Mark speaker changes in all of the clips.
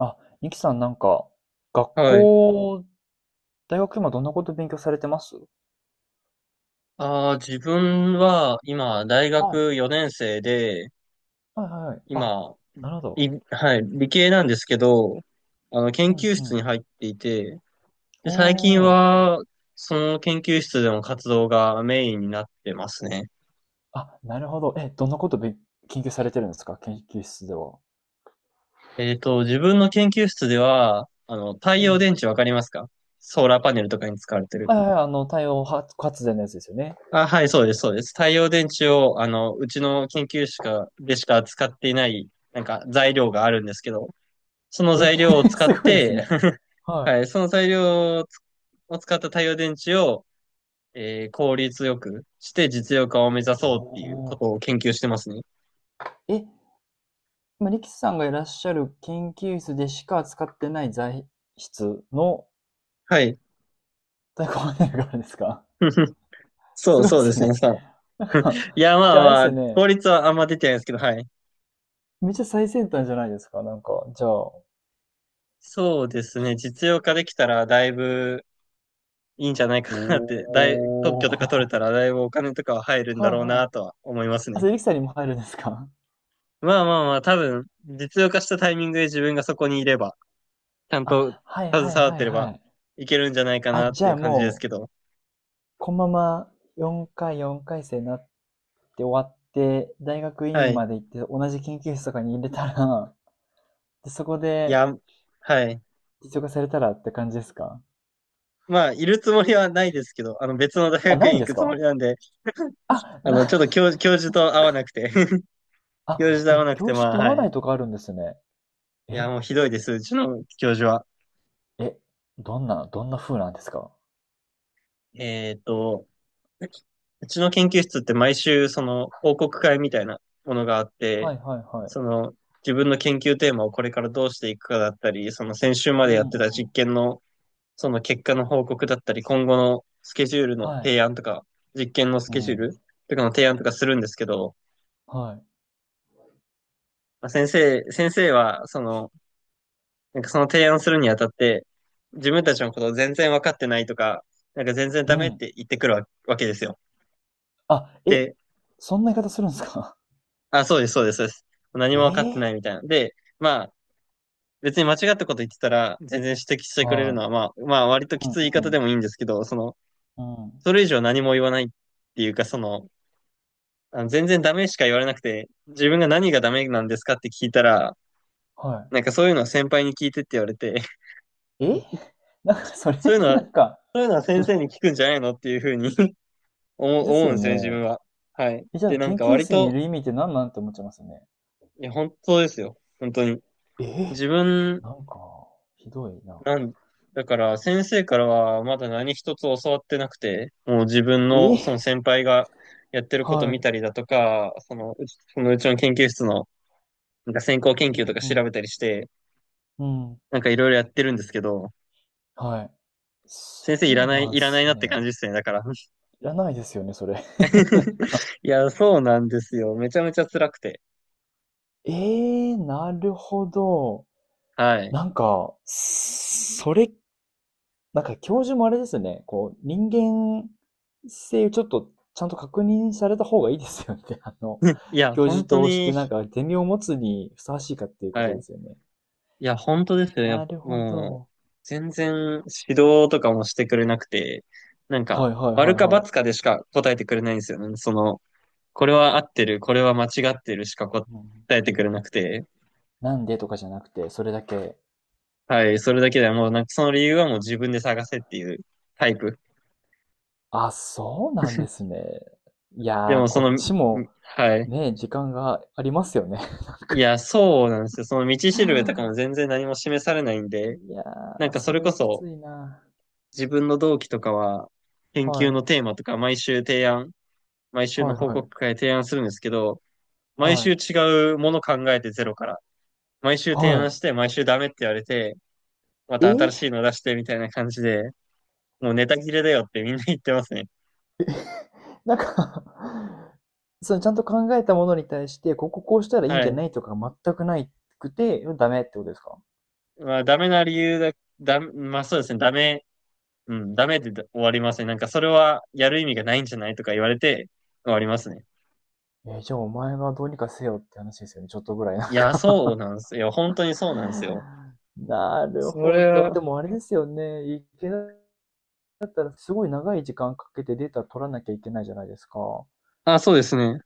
Speaker 1: あ、ニキさんなんか、学
Speaker 2: はい。
Speaker 1: 校、大学今どんなこと勉強されてます？
Speaker 2: ああ、自分は今、大
Speaker 1: はい。
Speaker 2: 学4年生で、
Speaker 1: はいはいはい。あ、
Speaker 2: 今、
Speaker 1: なるほど。
Speaker 2: はい、理系なんですけど、研
Speaker 1: うん
Speaker 2: 究
Speaker 1: う
Speaker 2: 室に
Speaker 1: ん。
Speaker 2: 入っていて、で、最近
Speaker 1: おー。
Speaker 2: は、その研究室での活動がメインになってますね。
Speaker 1: あ、なるほど。え、どんなこと研究されてるんですか、研究室では？
Speaker 2: 自分の研究室では、太
Speaker 1: う
Speaker 2: 陽
Speaker 1: ん。
Speaker 2: 電池わかりますか？ソーラーパネルとかに使われてる。
Speaker 1: はいはいはい、あの、太陽発電のやつですよね。
Speaker 2: あ、はい、そうです、そうです。太陽電池を、うちの研究室でしか使っていない、なんか材料があるんですけど、その
Speaker 1: え、
Speaker 2: 材料を 使
Speaker 1: す
Speaker 2: っ
Speaker 1: ごいです
Speaker 2: て
Speaker 1: ね。は
Speaker 2: はい、その材料を使った太陽電池を、効率よくして実用化を目指
Speaker 1: い。
Speaker 2: そうって
Speaker 1: お
Speaker 2: いうこ
Speaker 1: ー。
Speaker 2: とを研究してますね。
Speaker 1: え、今、力士さんがいらっしゃる研究室でしか使ってない材質の
Speaker 2: はい。
Speaker 1: 太鼓判ネルがあるんですか？
Speaker 2: そ
Speaker 1: す
Speaker 2: う、
Speaker 1: ごいで
Speaker 2: そうで
Speaker 1: す
Speaker 2: すね、
Speaker 1: ね。
Speaker 2: さ。
Speaker 1: なんか、
Speaker 2: いや、まあ
Speaker 1: じゃああれで
Speaker 2: ま
Speaker 1: す
Speaker 2: あ、
Speaker 1: よね。
Speaker 2: 効率はあんま出てないですけど、はい。
Speaker 1: めっちゃ最先端じゃないですか。なんか、じゃあ。
Speaker 2: そうですね、実用化できたらだいぶいいんじゃないかなって、特
Speaker 1: お
Speaker 2: 許とか取れ
Speaker 1: ー。
Speaker 2: たらだいぶお金とかは入る んだ
Speaker 1: はい
Speaker 2: ろう
Speaker 1: はい。
Speaker 2: なとは思います
Speaker 1: あ、
Speaker 2: ね。
Speaker 1: それ、リキさんにも入るんですか？
Speaker 2: まあまあまあ、多分、実用化したタイミングで自分がそこにいれば、ちゃんと
Speaker 1: あ、はい
Speaker 2: 携
Speaker 1: はい
Speaker 2: わっ
Speaker 1: は
Speaker 2: て
Speaker 1: い
Speaker 2: れ
Speaker 1: は
Speaker 2: ば
Speaker 1: い。
Speaker 2: いけるんじゃないか
Speaker 1: あ、
Speaker 2: なっ
Speaker 1: じ
Speaker 2: てい
Speaker 1: ゃ
Speaker 2: う
Speaker 1: あ
Speaker 2: 感じです
Speaker 1: も
Speaker 2: け
Speaker 1: う、
Speaker 2: ど。
Speaker 1: このまま4回生になって終わって、大学
Speaker 2: は
Speaker 1: 院
Speaker 2: い。
Speaker 1: まで行って、同じ研究室とかに入れたら、で、そこ
Speaker 2: い
Speaker 1: で
Speaker 2: や、はい。
Speaker 1: 実用化されたらって感じですか？
Speaker 2: まあ、いるつもりはないですけど、別の大
Speaker 1: あ、
Speaker 2: 学
Speaker 1: ない
Speaker 2: 院
Speaker 1: ん
Speaker 2: 行
Speaker 1: で
Speaker 2: く
Speaker 1: す
Speaker 2: つも
Speaker 1: か？
Speaker 2: りなんで、
Speaker 1: あ、な、
Speaker 2: ちょっと教、教 授
Speaker 1: そっ
Speaker 2: と会わな
Speaker 1: か。
Speaker 2: くて 教授
Speaker 1: あ、
Speaker 2: と会
Speaker 1: え、
Speaker 2: わなく
Speaker 1: 教
Speaker 2: て、
Speaker 1: 授
Speaker 2: まあ、
Speaker 1: と合
Speaker 2: は
Speaker 1: わな
Speaker 2: い。
Speaker 1: いとかあるんですね。
Speaker 2: いや、
Speaker 1: え、
Speaker 2: もうひどいです、うちの教授は。
Speaker 1: え、どんな風なんですか？
Speaker 2: えっと、うちの研究室って毎週、その、報告会みたいなものがあって、
Speaker 1: はいはいはい。
Speaker 2: その、自分の研究テーマをこれからどうしていくかだったり、その先週ま
Speaker 1: う
Speaker 2: でや
Speaker 1: ん
Speaker 2: ってた
Speaker 1: う
Speaker 2: 実
Speaker 1: ん。
Speaker 2: 験のその結果の報告だったり、今後のスケジュールの
Speaker 1: はい。
Speaker 2: 提案とか、実験のス
Speaker 1: う
Speaker 2: ケジュー
Speaker 1: ん。
Speaker 2: ルとかの提案とかするんですけど、
Speaker 1: はい。
Speaker 2: まあ、先生は、その、なんかその提案するにあたって、自分たちのことを全然分かってないとか、なんか全然
Speaker 1: う
Speaker 2: ダメっ
Speaker 1: ん。
Speaker 2: て言ってくるわけですよ。
Speaker 1: あ、え、
Speaker 2: で、
Speaker 1: そんな言い方するんですか？
Speaker 2: あ、そうです、そうです、そうです。何も分かっ
Speaker 1: え
Speaker 2: て
Speaker 1: え。
Speaker 2: ないみたいな。で、まあ、別に間違ったこと言ってたら、全然指摘してくれるの
Speaker 1: は
Speaker 2: は、まあ、まあ、割と
Speaker 1: い。
Speaker 2: き
Speaker 1: うん
Speaker 2: つい言い
Speaker 1: う
Speaker 2: 方でも
Speaker 1: ん。
Speaker 2: いいんですけど、その、
Speaker 1: うん。
Speaker 2: それ以上何も言わないっていうか、その、あの全然ダメしか言われなくて、自分が何がダメなんですかって聞いたら、
Speaker 1: は
Speaker 2: なんかそういうのは先輩に聞いてって言われて、
Speaker 1: い。え？なんかそれっ
Speaker 2: そういうの
Speaker 1: て
Speaker 2: は、
Speaker 1: な
Speaker 2: そ
Speaker 1: んか、
Speaker 2: ういうのは先生に聞くんじゃないのっていうふうに 思う
Speaker 1: で
Speaker 2: 思
Speaker 1: す
Speaker 2: うん
Speaker 1: よ
Speaker 2: ですよね、自分
Speaker 1: ね。
Speaker 2: は。はい。
Speaker 1: え、じゃあ
Speaker 2: で、なん
Speaker 1: 研
Speaker 2: か
Speaker 1: 究
Speaker 2: 割
Speaker 1: 室にい
Speaker 2: と、
Speaker 1: る意味って何なんって思っちゃいますよね。
Speaker 2: いや、本当ですよ。本当に。
Speaker 1: え
Speaker 2: 自分、
Speaker 1: なんかひどいな。
Speaker 2: なん、だから先生からはまだ何一つ教わってなくて、もう自分
Speaker 1: え
Speaker 2: のその
Speaker 1: え、
Speaker 2: 先輩がやってること
Speaker 1: は
Speaker 2: 見
Speaker 1: い。
Speaker 2: たりだとか、その、そのうちの研究室のなんか先行研
Speaker 1: う
Speaker 2: 究とか調
Speaker 1: ん
Speaker 2: べたりして、
Speaker 1: うん。うん。
Speaker 2: なんかいろいろやってるんですけど、
Speaker 1: はい。そ
Speaker 2: 先生いら
Speaker 1: う
Speaker 2: な
Speaker 1: な
Speaker 2: い、
Speaker 1: ん
Speaker 2: いらない
Speaker 1: す
Speaker 2: なって感じ
Speaker 1: ね。
Speaker 2: ですね、だから。
Speaker 1: いらないですよね、それ。なん か、
Speaker 2: いや、そうなんですよ。めちゃめちゃ辛くて。
Speaker 1: なるほど。
Speaker 2: はい。
Speaker 1: なんか、それ、なんか教授もあれですね、こう、人間性をちょっとちゃんと確認された方がいいですよね。あの、
Speaker 2: いや、
Speaker 1: 教
Speaker 2: 本
Speaker 1: 授
Speaker 2: 当
Speaker 1: として
Speaker 2: に、
Speaker 1: なんかゼミを持つにふさわしいかっていうこ
Speaker 2: は
Speaker 1: と
Speaker 2: い。
Speaker 1: ですよね。
Speaker 2: いや、本当ですよ。や
Speaker 1: な
Speaker 2: っ
Speaker 1: るほ
Speaker 2: もう、
Speaker 1: ど。
Speaker 2: 全然指導とかもしてくれなくて、なん
Speaker 1: は
Speaker 2: か、
Speaker 1: いはいはい
Speaker 2: 丸か
Speaker 1: は
Speaker 2: ×かでしか答えてくれないんですよね。その、これは合ってる、これは間違ってるしか答
Speaker 1: い。うん、
Speaker 2: えてくれなくて、
Speaker 1: なんでとかじゃなくて、それだけ、
Speaker 2: はい、それだけでもう、なんかその理由はもう自分で探せっていうタイプ。
Speaker 1: あ、そうなんですね。い
Speaker 2: で
Speaker 1: やー、
Speaker 2: もそ
Speaker 1: こ
Speaker 2: の、
Speaker 1: っ
Speaker 2: ん
Speaker 1: ちも
Speaker 2: はい。
Speaker 1: ね、時間がありますよね。
Speaker 2: いや、そうなんですよ。その道
Speaker 1: い
Speaker 2: しるべとかも全然何も示されないんで、
Speaker 1: や
Speaker 2: なん
Speaker 1: ー、
Speaker 2: かそ
Speaker 1: そ
Speaker 2: れ
Speaker 1: れ
Speaker 2: こ
Speaker 1: はき
Speaker 2: そ
Speaker 1: ついな。
Speaker 2: 自分の同期とかは研究
Speaker 1: はい。
Speaker 2: のテーマとか毎週の
Speaker 1: はい
Speaker 2: 報
Speaker 1: はい。
Speaker 2: 告会で提案するんですけど、毎
Speaker 1: は
Speaker 2: 週
Speaker 1: い。
Speaker 2: 違うもの考えてゼロから、毎週提案
Speaker 1: は
Speaker 2: して毎週ダメって言われて、ま
Speaker 1: い。
Speaker 2: た新しいの出してみたいな感じで、もうネタ切れだよってみんな言ってますね。
Speaker 1: なんか そのちゃんと考えたものに対して、こここうしたらいいん
Speaker 2: は
Speaker 1: じゃ
Speaker 2: い。
Speaker 1: ないとか全くないくて、ダメってことですか？
Speaker 2: まあダメな理由だ、まあそうですね、ダメ、うん、ダメで終わりますね。なんかそれはやる意味がないんじゃないとか言われて終わりますね。
Speaker 1: じゃあお前がどうにかせよって話ですよね。ちょっとぐらいなん
Speaker 2: いや、そう
Speaker 1: か
Speaker 2: なんですよ。本当にそうなんですよ。
Speaker 1: なる
Speaker 2: そ
Speaker 1: ほ
Speaker 2: れ
Speaker 1: ど。
Speaker 2: は、
Speaker 1: でもあれですよね。いけなかったらすごい長い時間かけてデータ取らなきゃいけないじゃないですか。
Speaker 2: あ、そうですね。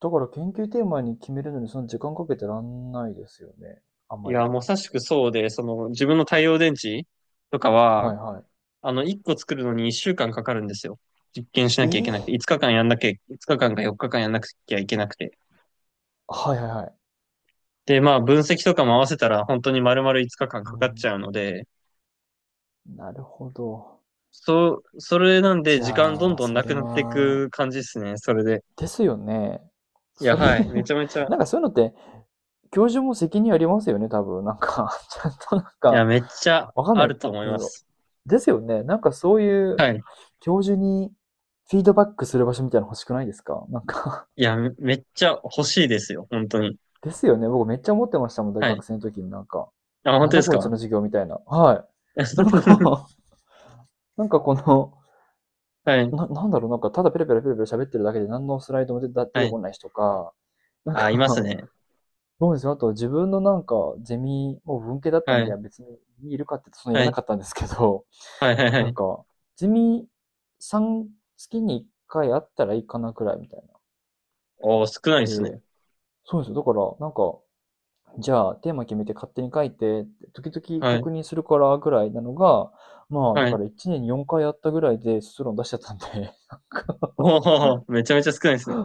Speaker 1: だから研究テーマに決めるのにそんな時間かけてらんないですよね。あん
Speaker 2: い
Speaker 1: ま
Speaker 2: や、
Speaker 1: り。
Speaker 2: まさしくそうで、その、自分の太陽電池とか
Speaker 1: は
Speaker 2: は、
Speaker 1: いはい。
Speaker 2: 1個作るのに1週間かかるんですよ。実験しな
Speaker 1: え
Speaker 2: きゃいけ
Speaker 1: え、
Speaker 2: なくて、5日間か4日間やんなきゃいけなくて。
Speaker 1: はいはいはい。
Speaker 2: で、まあ、分析とかも合わせたら、本当に丸々5日間かん
Speaker 1: う
Speaker 2: かかっち
Speaker 1: ん。
Speaker 2: ゃうので、
Speaker 1: なるほど。
Speaker 2: そう、それなんで、
Speaker 1: じ
Speaker 2: 時間ど
Speaker 1: ゃ
Speaker 2: ん
Speaker 1: あ、
Speaker 2: どん
Speaker 1: そ
Speaker 2: なく
Speaker 1: れ
Speaker 2: なってい
Speaker 1: は、
Speaker 2: く感じですね。それで。
Speaker 1: ですよね。
Speaker 2: いや、
Speaker 1: それ、
Speaker 2: はい。めちゃめちゃ、い
Speaker 1: なんかそういうのって、教授も責任ありますよね、多分。なんか ちゃんとなん
Speaker 2: や、
Speaker 1: か、
Speaker 2: めっちゃ
Speaker 1: わかんな
Speaker 2: あ
Speaker 1: い
Speaker 2: ると思い
Speaker 1: け
Speaker 2: ま
Speaker 1: ど。
Speaker 2: す。
Speaker 1: ですよね。なんかそういう
Speaker 2: はい。
Speaker 1: 教授にフィードバックする場所みたいなの欲しくないですか？なんか、
Speaker 2: いや、めっちゃ欲しいですよ、本当に。
Speaker 1: ですよね。僕めっちゃ思ってましたもん、大
Speaker 2: はい。
Speaker 1: 学生の時になんか、
Speaker 2: あ、本
Speaker 1: なん
Speaker 2: 当で
Speaker 1: だ
Speaker 2: す
Speaker 1: こいつの
Speaker 2: か？
Speaker 1: 授業みたいな。はい。なん か なんかこの、
Speaker 2: はい、
Speaker 1: なんだろう、なんかただペラペラペラペラ喋ってるだけで何のスライドも出て出
Speaker 2: は
Speaker 1: て
Speaker 2: い。
Speaker 1: こない人とか、なん
Speaker 2: あ、います
Speaker 1: か
Speaker 2: ね。
Speaker 1: ど うですよ。あと自分のなんかゼミ、もう文系だった
Speaker 2: は
Speaker 1: んで、
Speaker 2: い、
Speaker 1: 別にいるかって言うとそのい
Speaker 2: は
Speaker 1: らな
Speaker 2: い、
Speaker 1: かったんですけど、
Speaker 2: はい、はい、は
Speaker 1: なん
Speaker 2: い。
Speaker 1: か、ゼミさん月に1回あったらいいかなくらいみたいな。
Speaker 2: おー、少ないです
Speaker 1: で、
Speaker 2: ね。
Speaker 1: そうですよ。だから、なんか、じゃあ、テーマ決めて勝手に書いて時々
Speaker 2: はい、
Speaker 1: 確認するからぐらいなのが、まあ、だ
Speaker 2: は
Speaker 1: か
Speaker 2: い。
Speaker 1: ら1年に4回やったぐらいで卒論出しちゃったんで、
Speaker 2: おー、めちゃめちゃ少ないですね。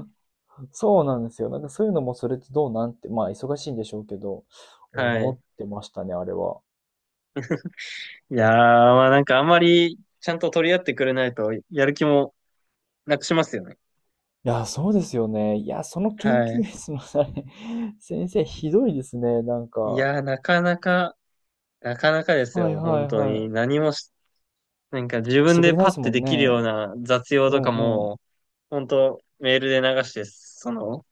Speaker 1: なんかそうなんですよ。なんかそういうのもそれってどうなんて、まあ、忙しいんでしょうけど、
Speaker 2: は
Speaker 1: 思っ
Speaker 2: い。
Speaker 1: てましたね、あれは。
Speaker 2: いやー、まあなんかあんまりちゃんと取り合ってくれないと、やる気もなくしますよね。
Speaker 1: いや、そうですよね。いや、その研
Speaker 2: は
Speaker 1: 究
Speaker 2: い。
Speaker 1: 室のあれ、先生ひどいですね、なん
Speaker 2: い
Speaker 1: か。
Speaker 2: やー、なかなか、なかなかです
Speaker 1: はい
Speaker 2: よ、
Speaker 1: は
Speaker 2: 本
Speaker 1: い
Speaker 2: 当
Speaker 1: は
Speaker 2: に。
Speaker 1: い。
Speaker 2: 何もしなんか自
Speaker 1: し
Speaker 2: 分
Speaker 1: てく
Speaker 2: で
Speaker 1: れない
Speaker 2: パ
Speaker 1: で
Speaker 2: ッ
Speaker 1: す
Speaker 2: て
Speaker 1: もん
Speaker 2: できる
Speaker 1: ね。
Speaker 2: ような雑用
Speaker 1: う
Speaker 2: とか
Speaker 1: んうん。
Speaker 2: も、本当メールで流して、その、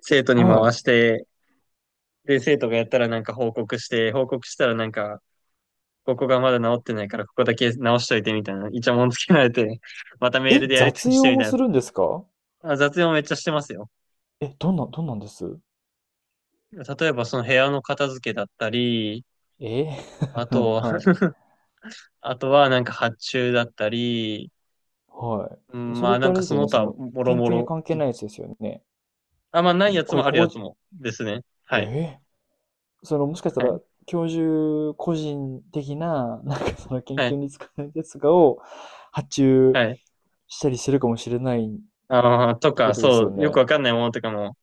Speaker 2: 生徒に回
Speaker 1: は
Speaker 2: して、で、生徒がやったらなんか報告して、報告したらなんか、ここがまだ治ってないからここだけ直しといてみたいな、イチャモンつけられて、また
Speaker 1: い。
Speaker 2: メール
Speaker 1: え、
Speaker 2: でやりと
Speaker 1: 雑
Speaker 2: りして
Speaker 1: 用
Speaker 2: み
Speaker 1: も
Speaker 2: たい
Speaker 1: す
Speaker 2: な。
Speaker 1: るんですか？
Speaker 2: あ、雑用めっちゃしてますよ。
Speaker 1: え、どんなんです？
Speaker 2: 例えばその部屋の片付けだったり、
Speaker 1: ええ
Speaker 2: あと、
Speaker 1: はい。
Speaker 2: あとはなんか発注だったり、
Speaker 1: は
Speaker 2: う
Speaker 1: い。
Speaker 2: ん
Speaker 1: そ
Speaker 2: ま
Speaker 1: れっ
Speaker 2: あな
Speaker 1: て
Speaker 2: ん
Speaker 1: あれ
Speaker 2: か
Speaker 1: です
Speaker 2: そ
Speaker 1: よ
Speaker 2: の
Speaker 1: ね、そ
Speaker 2: 他
Speaker 1: の、
Speaker 2: もろ
Speaker 1: 研
Speaker 2: も
Speaker 1: 究に
Speaker 2: ろ。
Speaker 1: 関係ないやつですよね。
Speaker 2: あ、まあな
Speaker 1: そ
Speaker 2: い
Speaker 1: の、
Speaker 2: やつ
Speaker 1: これ、
Speaker 2: もあ
Speaker 1: こ
Speaker 2: るや
Speaker 1: こ
Speaker 2: つ
Speaker 1: じ、
Speaker 2: もですね。は
Speaker 1: え
Speaker 2: い。
Speaker 1: え、その、もしかした
Speaker 2: は
Speaker 1: ら、
Speaker 2: い
Speaker 1: 教授個人的な、なんかその研
Speaker 2: は
Speaker 1: 究
Speaker 2: い、
Speaker 1: に使うやつがを発注
Speaker 2: はい。
Speaker 1: したりするかもしれないっ
Speaker 2: あーと
Speaker 1: てこ
Speaker 2: か、
Speaker 1: とです
Speaker 2: そ
Speaker 1: よ
Speaker 2: う、よく
Speaker 1: ね。
Speaker 2: わかんないものとかも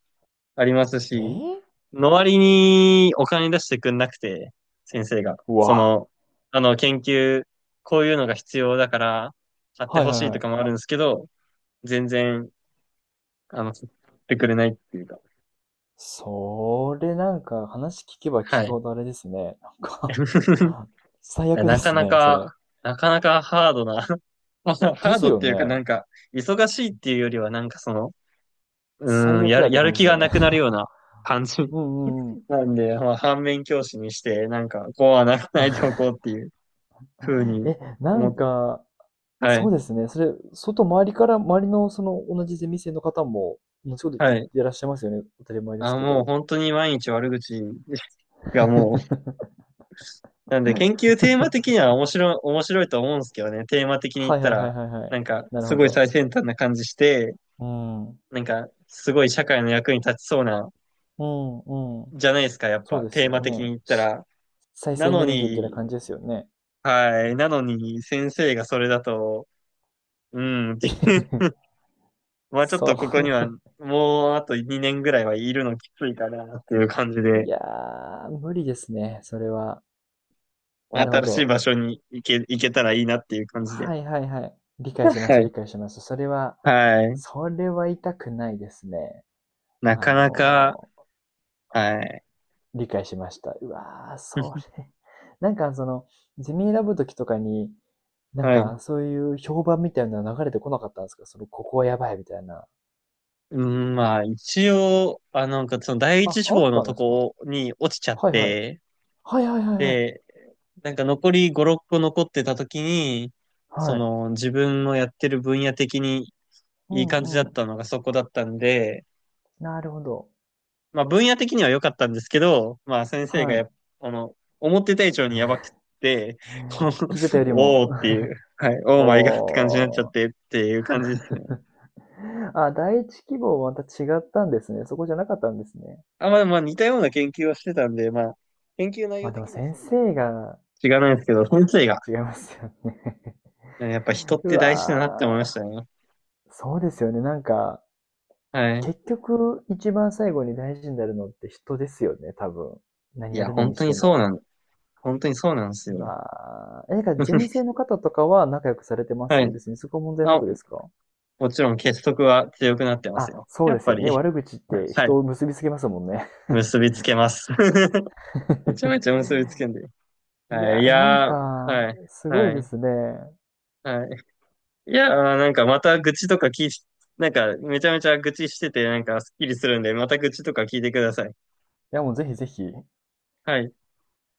Speaker 2: あります
Speaker 1: え
Speaker 2: し、
Speaker 1: え、
Speaker 2: の割にお金出してくんなくて、先生が。
Speaker 1: う
Speaker 2: そ
Speaker 1: わ。
Speaker 2: の、あの、研究、こういうのが必要だから、買って
Speaker 1: はい
Speaker 2: ほ
Speaker 1: は
Speaker 2: し
Speaker 1: い
Speaker 2: い
Speaker 1: は
Speaker 2: と
Speaker 1: い。
Speaker 2: かもあるんですけど、全然、買ってくれないっていうか。
Speaker 1: それなんか話聞けば
Speaker 2: は
Speaker 1: 聞く
Speaker 2: い。
Speaker 1: ほどあれですね。なんか 最悪で
Speaker 2: なか
Speaker 1: す
Speaker 2: な
Speaker 1: ね、それ。
Speaker 2: か、なかなかハードな、まあハ
Speaker 1: で
Speaker 2: ー
Speaker 1: す
Speaker 2: ドっ
Speaker 1: よ
Speaker 2: ていうかな
Speaker 1: ね。
Speaker 2: んか、忙しいっていうよりはなんかその、
Speaker 1: 最
Speaker 2: や
Speaker 1: 悪や
Speaker 2: る、
Speaker 1: った
Speaker 2: やる
Speaker 1: 感じで
Speaker 2: 気
Speaker 1: すよ
Speaker 2: がな
Speaker 1: ね。
Speaker 2: くなるような感じ
Speaker 1: うんうんうん。
Speaker 2: なんで、まあ、反面教師にして、なんか、こうはならないでおこうって いうふうに
Speaker 1: え、な
Speaker 2: 思っ
Speaker 1: ん
Speaker 2: て、
Speaker 1: か、
Speaker 2: は
Speaker 1: そう
Speaker 2: い、
Speaker 1: ですね。それ、外周りから、周りのその同じゼミ生の方も、同じこと
Speaker 2: は
Speaker 1: 言っ
Speaker 2: い。
Speaker 1: てらっしゃいますよね。当たり前です
Speaker 2: あ、
Speaker 1: け
Speaker 2: もう
Speaker 1: ど。
Speaker 2: 本当に毎日悪口がもう、なんで、研究テーマ的には面白い、面白いと思うんですけどね、テーマ的に言っ
Speaker 1: はい
Speaker 2: た
Speaker 1: はいはい
Speaker 2: ら、
Speaker 1: はいは
Speaker 2: な
Speaker 1: い。
Speaker 2: んか、
Speaker 1: なる
Speaker 2: す
Speaker 1: ほ
Speaker 2: ごい
Speaker 1: ど。
Speaker 2: 最先端な感じして、
Speaker 1: うん。う
Speaker 2: なんか、すごい社会の役に立ちそうな、
Speaker 1: んうん。
Speaker 2: じゃないですか、やっ
Speaker 1: そう
Speaker 2: ぱ、
Speaker 1: です
Speaker 2: テー
Speaker 1: よ
Speaker 2: マ的に
Speaker 1: ね。
Speaker 2: 言ったら。
Speaker 1: 再生
Speaker 2: な
Speaker 1: エ
Speaker 2: の
Speaker 1: ネルギーみたいな
Speaker 2: に、
Speaker 1: 感じですよね。
Speaker 2: はい、なのに、先生がそれだと、うん、って まあちょっ
Speaker 1: そ
Speaker 2: とここにはもうあと2年ぐらいはいるのきついかなっていう感じ
Speaker 1: れ、い
Speaker 2: で、
Speaker 1: やー、無理ですね。それは。なるほ
Speaker 2: 新しい
Speaker 1: ど。
Speaker 2: 場所に行けたらいいなっていう感じで。
Speaker 1: はいはいはい。理解しまし
Speaker 2: は
Speaker 1: た、理
Speaker 2: い。
Speaker 1: 解しました。それは、
Speaker 2: はい。
Speaker 1: それは痛くないですね。
Speaker 2: な
Speaker 1: あ
Speaker 2: かなか、
Speaker 1: の、
Speaker 2: はい。
Speaker 1: 理解しました。うわー、そ れ。なんかその、ゼミ選ぶときとかに、なん
Speaker 2: はい。
Speaker 1: かそういう評判みたいなの流れてこなかったんですか？その、ここはやばいみたいな。
Speaker 2: うん、まあ一応、あ、なんかその第
Speaker 1: あ、
Speaker 2: 一志
Speaker 1: あっ
Speaker 2: 望の
Speaker 1: たん
Speaker 2: と
Speaker 1: ですか？
Speaker 2: こに落ちちゃっ
Speaker 1: はいはい。
Speaker 2: て、
Speaker 1: はいはいはいはい。
Speaker 2: で、なんか残り5、6個残ってた時に、そ
Speaker 1: はい。
Speaker 2: の自分のやってる分野的に
Speaker 1: う
Speaker 2: いい感じだ
Speaker 1: んう
Speaker 2: っ
Speaker 1: ん。
Speaker 2: たのがそこだったんで、
Speaker 1: なるほど。
Speaker 2: まあ分野的には良かったんですけど、まあ先生が
Speaker 1: は
Speaker 2: や
Speaker 1: い。
Speaker 2: っあの、思ってた以上にやばく って、こう
Speaker 1: 聞いてたより
Speaker 2: お
Speaker 1: も。
Speaker 2: ーっていう、はい、オ ーマイガーって感じになっちゃっ
Speaker 1: お
Speaker 2: てっていう感じ
Speaker 1: ー。
Speaker 2: ですね。
Speaker 1: あ、第一希望はまた違ったんですね。そこじゃなかったんですね。
Speaker 2: あ、まあまあ似たような研究をしてたんで、まあ、研究内
Speaker 1: ま
Speaker 2: 容
Speaker 1: あで
Speaker 2: 的
Speaker 1: も
Speaker 2: には
Speaker 1: 先
Speaker 2: そんな
Speaker 1: 生
Speaker 2: に
Speaker 1: が
Speaker 2: 違わないですけど、先生が、
Speaker 1: 違いますよね。
Speaker 2: やっぱ人 っ
Speaker 1: う
Speaker 2: て大事だなって思いまし
Speaker 1: わ
Speaker 2: たね。
Speaker 1: ー、そうですよね。なんか、
Speaker 2: はい。
Speaker 1: 結局一番最後に大事になるのって人ですよね、多分。何
Speaker 2: い
Speaker 1: や
Speaker 2: や、
Speaker 1: るのにしても。
Speaker 2: 本当にそうなんです
Speaker 1: う
Speaker 2: よ。
Speaker 1: わ、え、なんからゼミ生 の方とかは仲良くされてま
Speaker 2: は
Speaker 1: す？
Speaker 2: い。
Speaker 1: 別にそこは問題な
Speaker 2: あ、
Speaker 1: くですか？
Speaker 2: もちろん結束は強くなってます
Speaker 1: あ、
Speaker 2: よ。
Speaker 1: そう
Speaker 2: や
Speaker 1: で
Speaker 2: っ
Speaker 1: す
Speaker 2: ぱ
Speaker 1: よね。
Speaker 2: り、
Speaker 1: 悪口って
Speaker 2: は
Speaker 1: 人
Speaker 2: い、
Speaker 1: を結びつけますもんね。
Speaker 2: 結びつけます。めちゃめちゃ 結びつけんだよ。
Speaker 1: い
Speaker 2: は
Speaker 1: や
Speaker 2: い。い
Speaker 1: ー、なん
Speaker 2: やー、は
Speaker 1: か、
Speaker 2: い。
Speaker 1: すご
Speaker 2: は
Speaker 1: いで
Speaker 2: い。
Speaker 1: すね。
Speaker 2: はい。いやー、なんかまた愚痴とか聞い、なんかめちゃめちゃ愚痴してて、なんかスッキリするんで、また愚痴とか聞いてください。
Speaker 1: や、もうぜひぜひ、
Speaker 2: はい。